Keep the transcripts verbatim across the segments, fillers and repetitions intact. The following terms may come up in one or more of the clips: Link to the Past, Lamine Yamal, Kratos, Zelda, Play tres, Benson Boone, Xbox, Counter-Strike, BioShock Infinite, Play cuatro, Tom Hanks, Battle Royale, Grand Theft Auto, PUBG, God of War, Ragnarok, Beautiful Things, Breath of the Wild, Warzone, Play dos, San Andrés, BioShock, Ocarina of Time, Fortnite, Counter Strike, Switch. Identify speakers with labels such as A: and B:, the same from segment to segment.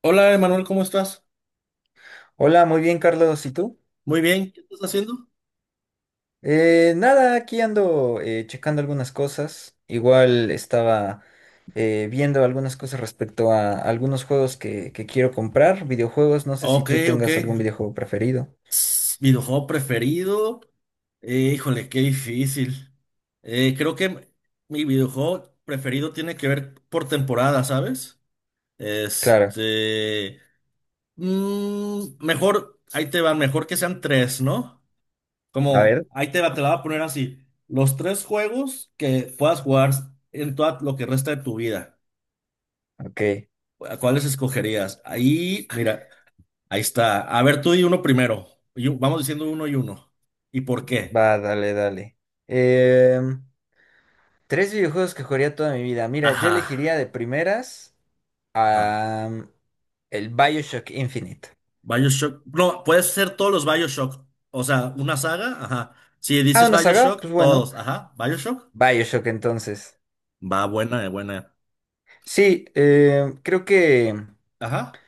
A: Hola, Emanuel, ¿cómo estás?
B: Hola, muy bien, Carlos. ¿Y tú?
A: Muy bien, ¿qué estás haciendo?
B: Eh, nada, aquí ando eh, checando algunas cosas. Igual estaba eh, viendo algunas cosas respecto a algunos juegos que, que quiero comprar, videojuegos. No sé si
A: Ok,
B: tú
A: ok.
B: tengas algún videojuego preferido.
A: Tss, Videojuego preferido. Eh, híjole, qué difícil. Eh, creo que mi videojuego preferido tiene que ver por temporada, ¿sabes?
B: Claro.
A: Este. Mm, mejor, ahí te va, mejor que sean tres, ¿no?
B: A ver.
A: Como, ahí te va, te la voy a poner así. Los tres juegos que puedas jugar en todo lo que resta de tu vida.
B: Ok.
A: ¿A cuáles escogerías? Ahí, mira. Ahí está. A ver, tú y uno primero. Y un- vamos diciendo uno y uno. ¿Y por qué?
B: Va, dale, dale. Em, Tres videojuegos que jugaría toda mi vida. Mira, yo
A: Ajá,
B: elegiría de primeras
A: ajá.
B: am, el Bioshock Infinite.
A: BioShock. No, puedes ser todos los BioShock. O sea, una saga, ajá. Si
B: Ah,
A: dices
B: una saga, pues
A: BioShock,
B: bueno.
A: todos, ajá. ¿BioShock?
B: Bioshock entonces.
A: Va, buena, eh, buena.
B: Sí, eh, creo que
A: Ajá.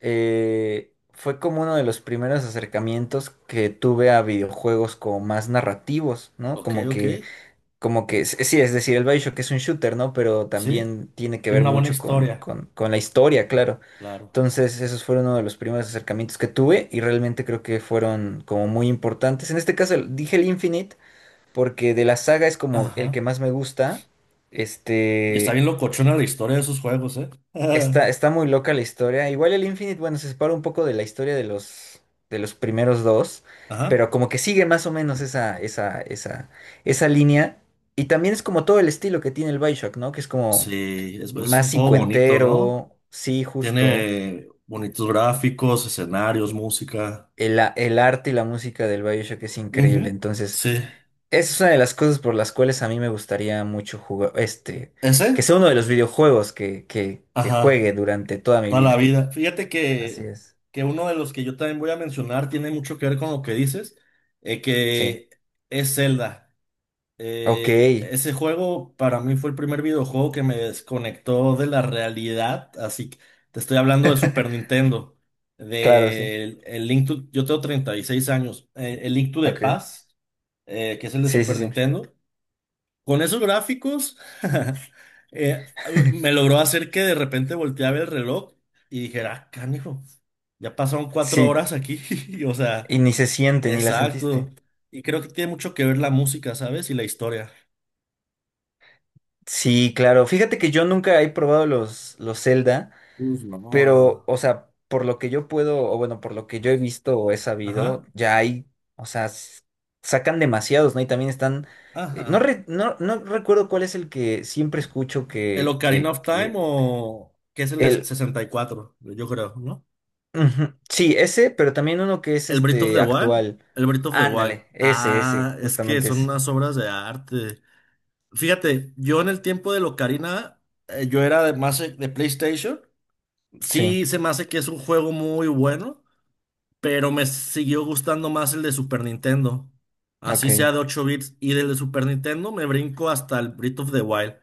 B: eh, fue como uno de los primeros acercamientos que tuve a videojuegos como más narrativos, ¿no?
A: Ok,
B: Como
A: ok.
B: que, como que, s- sí, es decir, el BioShock es un shooter, ¿no? Pero
A: Sí,
B: también tiene que
A: tiene
B: ver
A: una buena
B: mucho con,
A: historia.
B: con, con la historia, claro.
A: Claro.
B: Entonces, esos fueron uno de los primeros acercamientos que tuve y realmente creo que fueron como muy importantes. En este caso, el- dije el Infinite porque de la saga es como el que
A: Ajá.
B: más me gusta.
A: Y está
B: Este,
A: bien locochona la historia de esos juegos, ¿eh?
B: Está, está muy loca la historia. Igual el Infinite, bueno, se separa un poco de la historia de los, de los primeros dos,
A: Ajá.
B: pero como que sigue más o menos esa, esa, esa, esa línea. Y también es como todo el estilo que tiene el Bioshock, ¿no? Que es como
A: Sí, es, es
B: más
A: un juego bonito, ¿no?
B: cincuentero, sí, justo.
A: Tiene bonitos gráficos, escenarios, música.
B: El, a- el arte y la música del Bioshock es increíble.
A: Ujú,
B: Entonces,
A: sí.
B: esa es una de las cosas por las cuales a mí me gustaría mucho jugar, este, que
A: ¿Ese?
B: sea uno de los videojuegos que, que, que
A: Ajá,
B: juegue durante toda mi
A: toda la
B: vida.
A: vida. Fíjate
B: Así
A: que,
B: es.
A: que uno de los que yo también voy a mencionar tiene mucho que ver con lo que dices, eh,
B: Sí.
A: que es Zelda.
B: Ok,
A: Eh, ese juego para mí fue el primer videojuego que me desconectó de la realidad, así que te estoy hablando de Super Nintendo,
B: claro, sí.
A: del el Link to, yo tengo treinta y seis años, eh, el Link to the
B: Ok.
A: Past, eh, que es el de
B: Sí, sí,
A: Super
B: sí.
A: Nintendo. Con esos gráficos, eh, me logró hacer que de repente volteaba el reloj y dijera, ah, canijo, ya pasaron cuatro
B: Sí,
A: horas aquí. O sea,
B: y ni se siente, ni la
A: exacto.
B: sentiste.
A: Y creo que tiene mucho que ver la música, ¿sabes? Y la historia.
B: Sí, claro. Fíjate que yo nunca he probado los, los Zelda,
A: Uf, no.
B: pero,
A: Ah.
B: o sea, por lo que yo puedo, o bueno, por lo que yo he visto o he sabido,
A: Ajá,
B: ya hay, o sea, s- sacan demasiados, ¿no? Y también están, eh, no,
A: ajá.
B: re- no, no recuerdo cuál es el que siempre escucho
A: El
B: que,
A: Ocarina
B: que,
A: of Time
B: que
A: o que es el de
B: el,
A: sesenta y cuatro, yo creo, ¿no?
B: Ujú. Sí, ese, pero también uno que es
A: El Breath of
B: este
A: the Wild.
B: actual.
A: El Breath of the Wild.
B: Ándale, ese, ese,
A: Ah, es que
B: justamente
A: son
B: ese.
A: unas obras de arte. Fíjate, yo en el tiempo de Locarina, eh, yo era de más eh, de PlayStation.
B: Sí,
A: Sí, se me hace que es un juego muy bueno, pero me siguió gustando más el de Super Nintendo.
B: ok,
A: Así sea de ocho bits. Y del de Super Nintendo me brinco hasta el Breath of the Wild.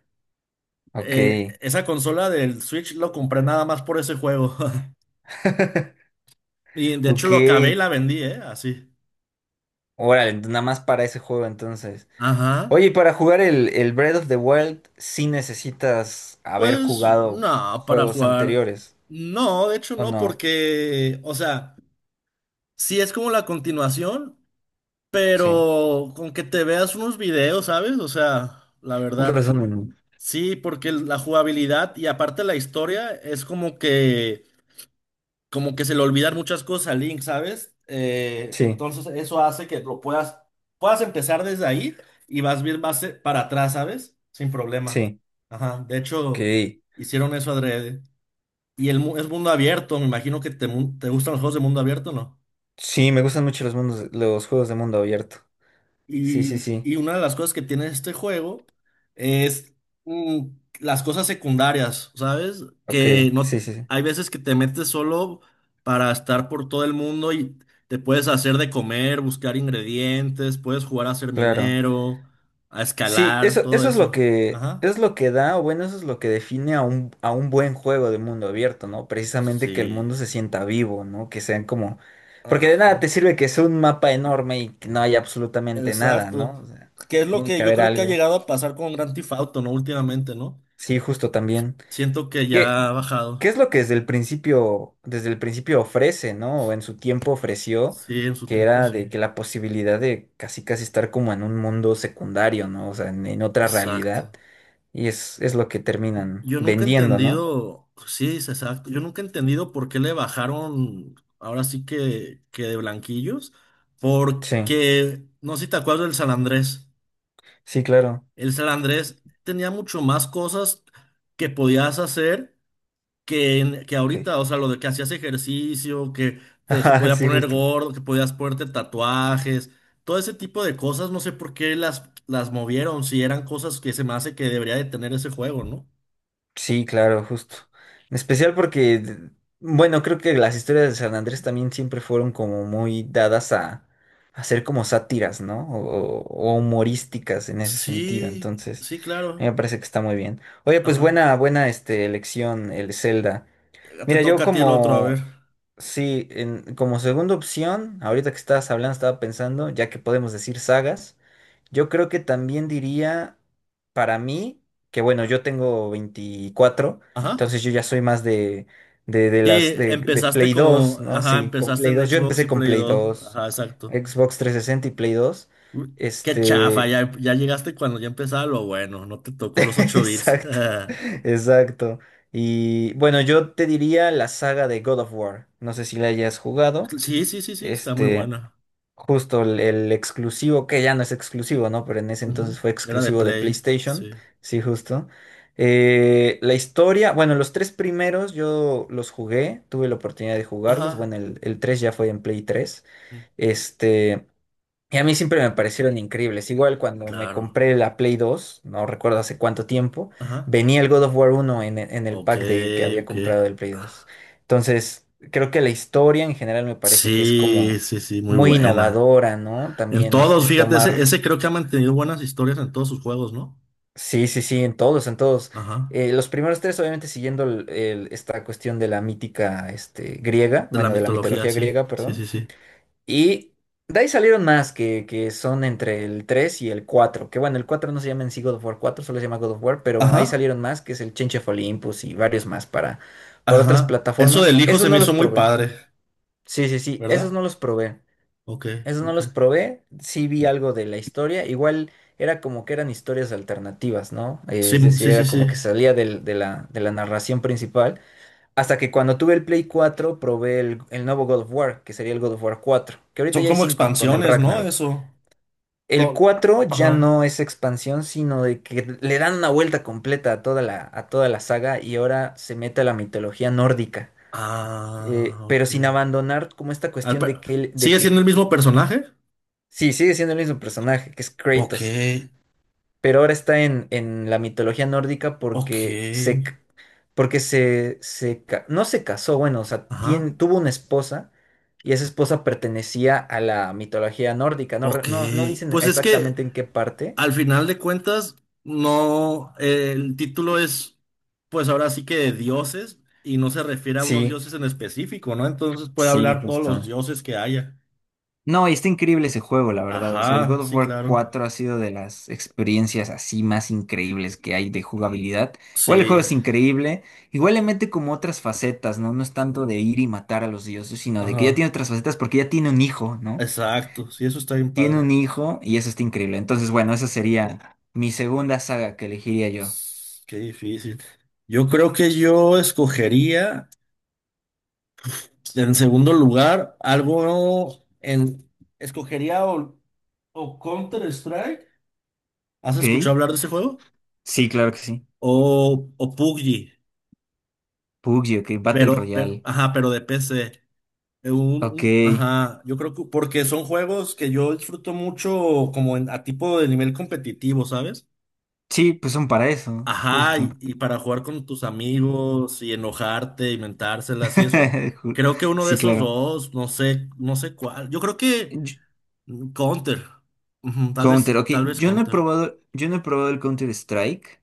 B: ok.
A: Eh, esa consola del Switch lo compré nada más por ese juego. Y de hecho
B: Ok.
A: lo acabé y la vendí, ¿eh? Así.
B: Órale, nada más para ese juego entonces.
A: Ajá.
B: Oye, y para jugar el, el Breath of the Wild, sí necesitas haber
A: Pues
B: jugado
A: no, para
B: juegos
A: jugar.
B: anteriores,
A: No, de hecho
B: ¿o
A: no,
B: no?
A: porque, o sea, si es como la continuación.
B: Sí.
A: Pero con que te veas unos videos, ¿sabes? O sea, la
B: Un
A: verdad,
B: resumen.
A: sí, porque el- la jugabilidad y aparte la historia es como que, como que se le olvidan muchas cosas a Link, ¿sabes? Eh,
B: Sí,
A: entonces eso hace que lo puedas, puedas empezar desde ahí y vas bien más eh, para atrás, ¿sabes? Sin problema.
B: sí.
A: Ajá, de
B: Ok.
A: hecho, hicieron eso adrede. Y el mu- es mundo abierto, me imagino que te, mu- te gustan los juegos de mundo abierto, ¿no?
B: Sí, me gustan mucho los mundos, los juegos de mundo abierto. Sí, sí,
A: Y,
B: sí.
A: y una de las cosas que tiene este juego es mm, las cosas secundarias, ¿sabes?
B: Ok,
A: Que
B: sí,
A: no
B: sí, sí.
A: hay veces que te metes solo para estar por todo el mundo y te puedes hacer de comer, buscar ingredientes, puedes jugar a ser
B: Claro.
A: minero, a
B: Sí,
A: escalar,
B: eso,
A: todo
B: eso es lo
A: eso.
B: que,
A: Ajá.
B: es lo que da, o bueno, eso es lo que define a un, a un buen juego de mundo abierto, ¿no? Precisamente que el
A: Sí.
B: mundo se sienta vivo, ¿no? Que sean como... Porque de nada
A: Ajá.
B: te sirve que sea un mapa enorme y que no haya absolutamente nada,
A: Exacto.
B: ¿no? O sea,
A: Que es lo
B: tiene
A: que
B: que
A: yo
B: haber
A: creo que ha
B: algo.
A: llegado a pasar con Grand Theft Auto, ¿no? Últimamente, ¿no?
B: Sí, justo también.
A: Siento que
B: ¿Qué,
A: ya ha
B: qué es
A: bajado.
B: lo que desde el principio, desde el principio ofrece, ¿no? O en su tiempo ofreció,
A: Sí, en su
B: que
A: tiempo,
B: era de
A: sí.
B: que la posibilidad de casi casi estar como en un mundo secundario, ¿no? O sea, en en otra realidad.
A: Exacto.
B: Y es, es lo que terminan
A: Yo nunca he
B: vendiendo, ¿no?
A: entendido, pues sí, es exacto. Yo nunca he entendido por qué le bajaron, ahora sí que, que de blanquillos,
B: Sí,
A: porque, no sé si te acuerdas del San Andrés.
B: sí, claro.
A: El San Andrés tenía mucho más cosas que podías hacer que, en- que
B: Ok.
A: ahorita, o sea, lo de que hacías ejercicio, que te, se
B: Ajá,
A: podía
B: sí,
A: poner
B: justo.
A: gordo, que podías ponerte tatuajes, todo ese tipo de cosas, no sé por qué las, las movieron, si eran cosas que se me hace que debería de tener ese juego, ¿no?
B: Sí, claro, justo. En especial porque, d- bueno, creo que las historias de San Andrés también siempre fueron como muy dadas a, a ser como sátiras, ¿no? O, o- o humorísticas en ese sentido.
A: Sí,
B: Entonces,
A: sí,
B: a mí me
A: claro.
B: parece que está muy bien. Oye, pues
A: Ajá.
B: buena, buena este, elección, el Zelda.
A: Te
B: Mira, yo
A: toca a ti el otro, a ver.
B: como, sí, en- como segunda opción, ahorita que estabas hablando, estaba pensando, ya que podemos decir sagas, yo creo que también diría, para mí, que bueno,
A: Ah,
B: yo tengo veinticuatro,
A: ajá.
B: entonces yo ya soy más de, de, de las,
A: Sí,
B: de, de
A: empezaste
B: Play dos,
A: como,
B: ¿no?
A: ajá,
B: Sí, con
A: empezaste
B: Play
A: en
B: dos yo
A: Xbox
B: empecé
A: y
B: con
A: Play
B: Play
A: dos.
B: dos
A: Ajá, exacto.
B: Xbox trescientos sesenta y Play dos.
A: Uy, qué chafa,
B: este,
A: ya, ya llegaste cuando ya empezaba lo bueno, no te tocó los ocho bits.
B: exacto. Exacto. Y bueno, yo te diría la saga de God of War. No sé si la hayas jugado.
A: Sí, sí, sí, sí, está muy
B: Este,
A: buena.
B: Justo el, el exclusivo, que ya no es exclusivo, ¿no? Pero en ese
A: Ujú,
B: entonces fue
A: era de
B: exclusivo de
A: Play,
B: PlayStation.
A: sí.
B: Sí, justo. Eh, la historia, bueno, los tres primeros yo los jugué, tuve la oportunidad de jugarlos.
A: Ajá.
B: Bueno, el, el tres ya fue en Play tres.
A: mm,
B: Este. Y a mí siempre me parecieron increíbles. Igual cuando me
A: Claro.
B: compré la Play dos, no recuerdo hace cuánto tiempo,
A: Ajá.
B: venía el God of War uno en, e- en el
A: Ok,
B: pack de, que había
A: ok.
B: comprado del Play dos. Entonces, creo que la historia en general me parece que es
A: Sí,
B: como
A: sí, sí, muy
B: muy
A: buena.
B: innovadora, ¿no?
A: En
B: También
A: todos,
B: este,
A: fíjate, ese,
B: tomar...
A: ese creo que ha mantenido buenas historias en todos sus juegos, ¿no?
B: Sí, sí, sí, en todos, en todos.
A: Ajá.
B: Eh, los primeros tres, obviamente, siguiendo el- el- esta cuestión de la mítica este, griega,
A: De la
B: bueno, de la
A: mitología,
B: mitología
A: sí.
B: griega,
A: Sí,
B: perdón.
A: sí, sí.
B: Y de ahí salieron más que, que son entre el tres y el cuatro. Que bueno, el cuatro no se llama en sí God of War cuatro, solo se llama God of War, pero ahí
A: Ajá,
B: salieron más, que es el Change of Olympus y varios más para, para otras
A: ajá. Eso
B: plataformas.
A: del hijo
B: Esos
A: se me
B: no
A: hizo
B: los
A: muy
B: probé.
A: padre,
B: Sí, sí, sí, esos
A: ¿verdad?
B: no los probé.
A: Ok,
B: Esos no
A: ok.
B: los probé. Sí vi algo de la historia. Igual era como que eran historias alternativas, ¿no? Eh,
A: Sí,
B: Es decir,
A: sí, sí,
B: era como
A: sí.
B: que salía del- de la, de la narración principal hasta que cuando tuve el Play cuatro probé el, el nuevo God of War, que sería el God of War cuatro, que ahorita
A: Son
B: ya hay
A: como
B: cinco con el
A: expansiones, ¿no?
B: Ragnarok.
A: Eso.
B: El
A: Lo...
B: cuatro ya
A: Ajá.
B: no es expansión, sino de que le dan una vuelta completa a toda la, a toda la saga y ahora se mete a la mitología nórdica.
A: Ah,
B: Eh, pero
A: ok.
B: sin abandonar como esta
A: Al
B: cuestión
A: pe-
B: de que, él- de
A: ¿Sigue
B: que
A: siendo el mismo personaje?
B: sí, sigue siendo el mismo personaje, que es
A: Ok,
B: Kratos, pero ahora está en, en la mitología nórdica porque se,
A: ok.
B: porque se, se ca- no se casó, bueno, o sea,
A: Ajá.
B: tien- tuvo una esposa y esa esposa pertenecía a la mitología nórdica. No, re-
A: Ok.
B: no, no dicen
A: Pues es que
B: exactamente en qué parte.
A: al final de cuentas, no, eh, el título es, pues ahora sí que de dioses y no se refiere a unos
B: Sí,
A: dioses en específico, ¿no? Entonces puede
B: sí,
A: hablar todos los
B: justo.
A: dioses que haya.
B: No, y está increíble ese juego, la verdad. O sea, el
A: Ajá,
B: God of
A: sí,
B: War
A: claro.
B: cuatro ha sido de las experiencias así más increíbles que hay de jugabilidad. Igual el juego
A: Sí,
B: es increíble. Igual le mete como otras facetas, ¿no? No es tanto de ir y matar a los dioses, sino de que ya
A: ajá,
B: tiene otras facetas porque ya tiene un hijo, ¿no?
A: exacto. Sí, eso está bien
B: Tiene
A: padre.
B: un hijo y eso está increíble. Entonces, bueno, esa sería mi segunda saga que elegiría yo.
A: S- Qué difícil. Yo creo que yo escogería, en segundo lugar, algo en... Escogería o, o Counter-Strike. ¿Has
B: ¿Ok?
A: escuchado hablar de ese juego?
B: Sí, claro que sí.
A: O, o P U B G.
B: P U B G, ok. Battle
A: Pero,
B: Royale.
A: pero, ajá, pero de P C. Eh, un-
B: Ok.
A: un- ajá, yo creo que porque son juegos que yo disfruto mucho como en- a tipo de nivel competitivo, ¿sabes?
B: Sí, pues son para eso,
A: Ajá,
B: justo.
A: y, y para jugar con tus amigos y enojarte y mentárselas y eso.
B: Ju-
A: Creo que uno de
B: Sí,
A: esos
B: claro.
A: dos, no sé, no sé cuál. Yo creo que
B: Yo-
A: mm, Counter. Ujú, tal
B: Counter,
A: vez,
B: ok.
A: tal vez
B: Yo no he
A: Counter.
B: probado, yo no he probado el Counter Strike,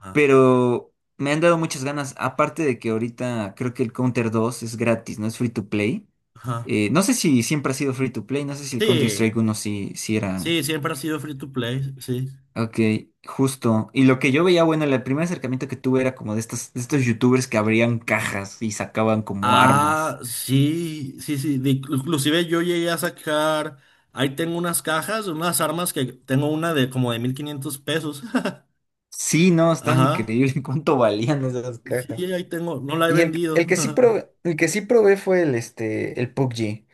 A: Ajá,
B: pero me han dado muchas ganas. Aparte de que ahorita creo que el Counter dos es gratis, no es free to play.
A: ajá.
B: Eh, no sé si siempre ha sido free to play, no sé si el Counter
A: Sí,
B: Strike uno sí, sí era.
A: sí, siempre ha sido free to play, sí.
B: Ok, justo. Y lo que yo veía, bueno, el primer acercamiento que tuve era como de estos, de estos youtubers que abrían cajas y sacaban como armas.
A: Ah, sí, sí, sí. De- inclusive yo llegué a sacar, ahí tengo unas cajas, unas armas que tengo una de como de mil quinientos pesos.
B: Sí, no, estaba
A: Ajá.
B: increíble cuánto valían esas cajas.
A: Sí, ahí tengo, no la he
B: Y el,
A: vendido.
B: el que sí probé, el que sí probé fue el, este, el P U B G.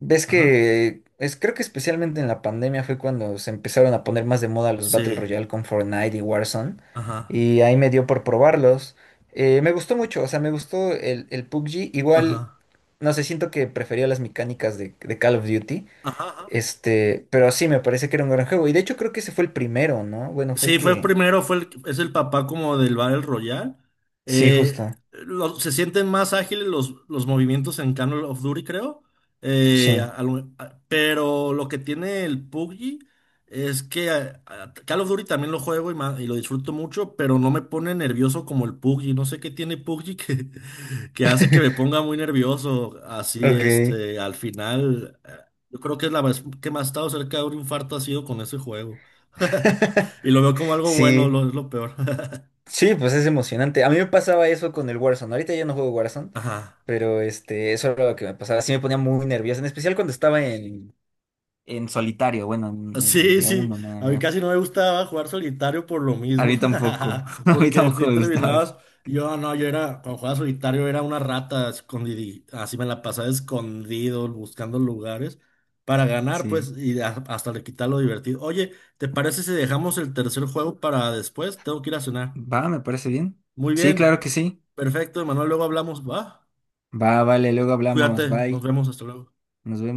B: Ves
A: Ajá.
B: que es, creo que especialmente en la pandemia fue cuando se empezaron a poner más de moda los Battle
A: Sí.
B: Royale con Fortnite y Warzone.
A: Ajá.
B: Y ahí me dio por probarlos. Eh, me gustó mucho, o sea, me gustó el, el P U B G. Igual
A: Ajá.
B: no sé, siento que prefería las mecánicas de, de Call of Duty.
A: Ajá.
B: Este, pero sí, me parece que era un gran juego. Y de hecho creo que ese fue el primero, ¿no? Bueno, fue el
A: Sí, fue
B: que...
A: primero, fue el- es el papá como del Battle Royale.
B: Sí,
A: Eh,
B: justo.
A: lo- Se sienten más ágiles los, los movimientos en Call of Duty, creo. Eh,
B: Sí.
A: a- a lo- a- pero lo que tiene el P U B G es que a- a- Call of Duty también lo juego y, ma- y lo disfruto mucho, pero no me pone nervioso como el P U B G. No sé qué tiene P U B G que, que hace que me ponga muy nervioso. Así,
B: Ok.
A: este, al final, eh, yo creo que es la vez que más he estado cerca de un infarto ha sido con ese juego. Y lo veo como algo bueno,
B: Sí.
A: lo, es lo peor.
B: Sí, pues es emocionante. A mí me pasaba eso con el Warzone. Ahorita ya no juego Warzone,
A: Ajá.
B: pero este, eso era lo que me pasaba. Sí me ponía muy nervioso, en especial cuando estaba en, en solitario, bueno, en, en
A: Sí,
B: de a
A: sí.
B: uno nada
A: A mí
B: más.
A: casi no me gustaba jugar solitario por lo
B: A
A: mismo.
B: mí tampoco. A mí
A: Porque
B: tampoco
A: si
B: me gustaba eso.
A: terminabas, yo no, yo era, cuando jugaba solitario era una rata escondida. Así me la pasaba escondido, buscando lugares para ganar,
B: Sí.
A: pues, y a- hasta le quitar lo divertido. Oye, ¿te parece si dejamos el tercer juego para después? Tengo que ir a cenar.
B: Va, me parece bien.
A: Muy
B: Sí,
A: bien.
B: claro que sí.
A: Perfecto, Manuel, luego hablamos. Va.
B: Va, vale, luego
A: Cuídate,
B: hablamos.
A: nos
B: Bye.
A: vemos, hasta luego.
B: Nos vemos.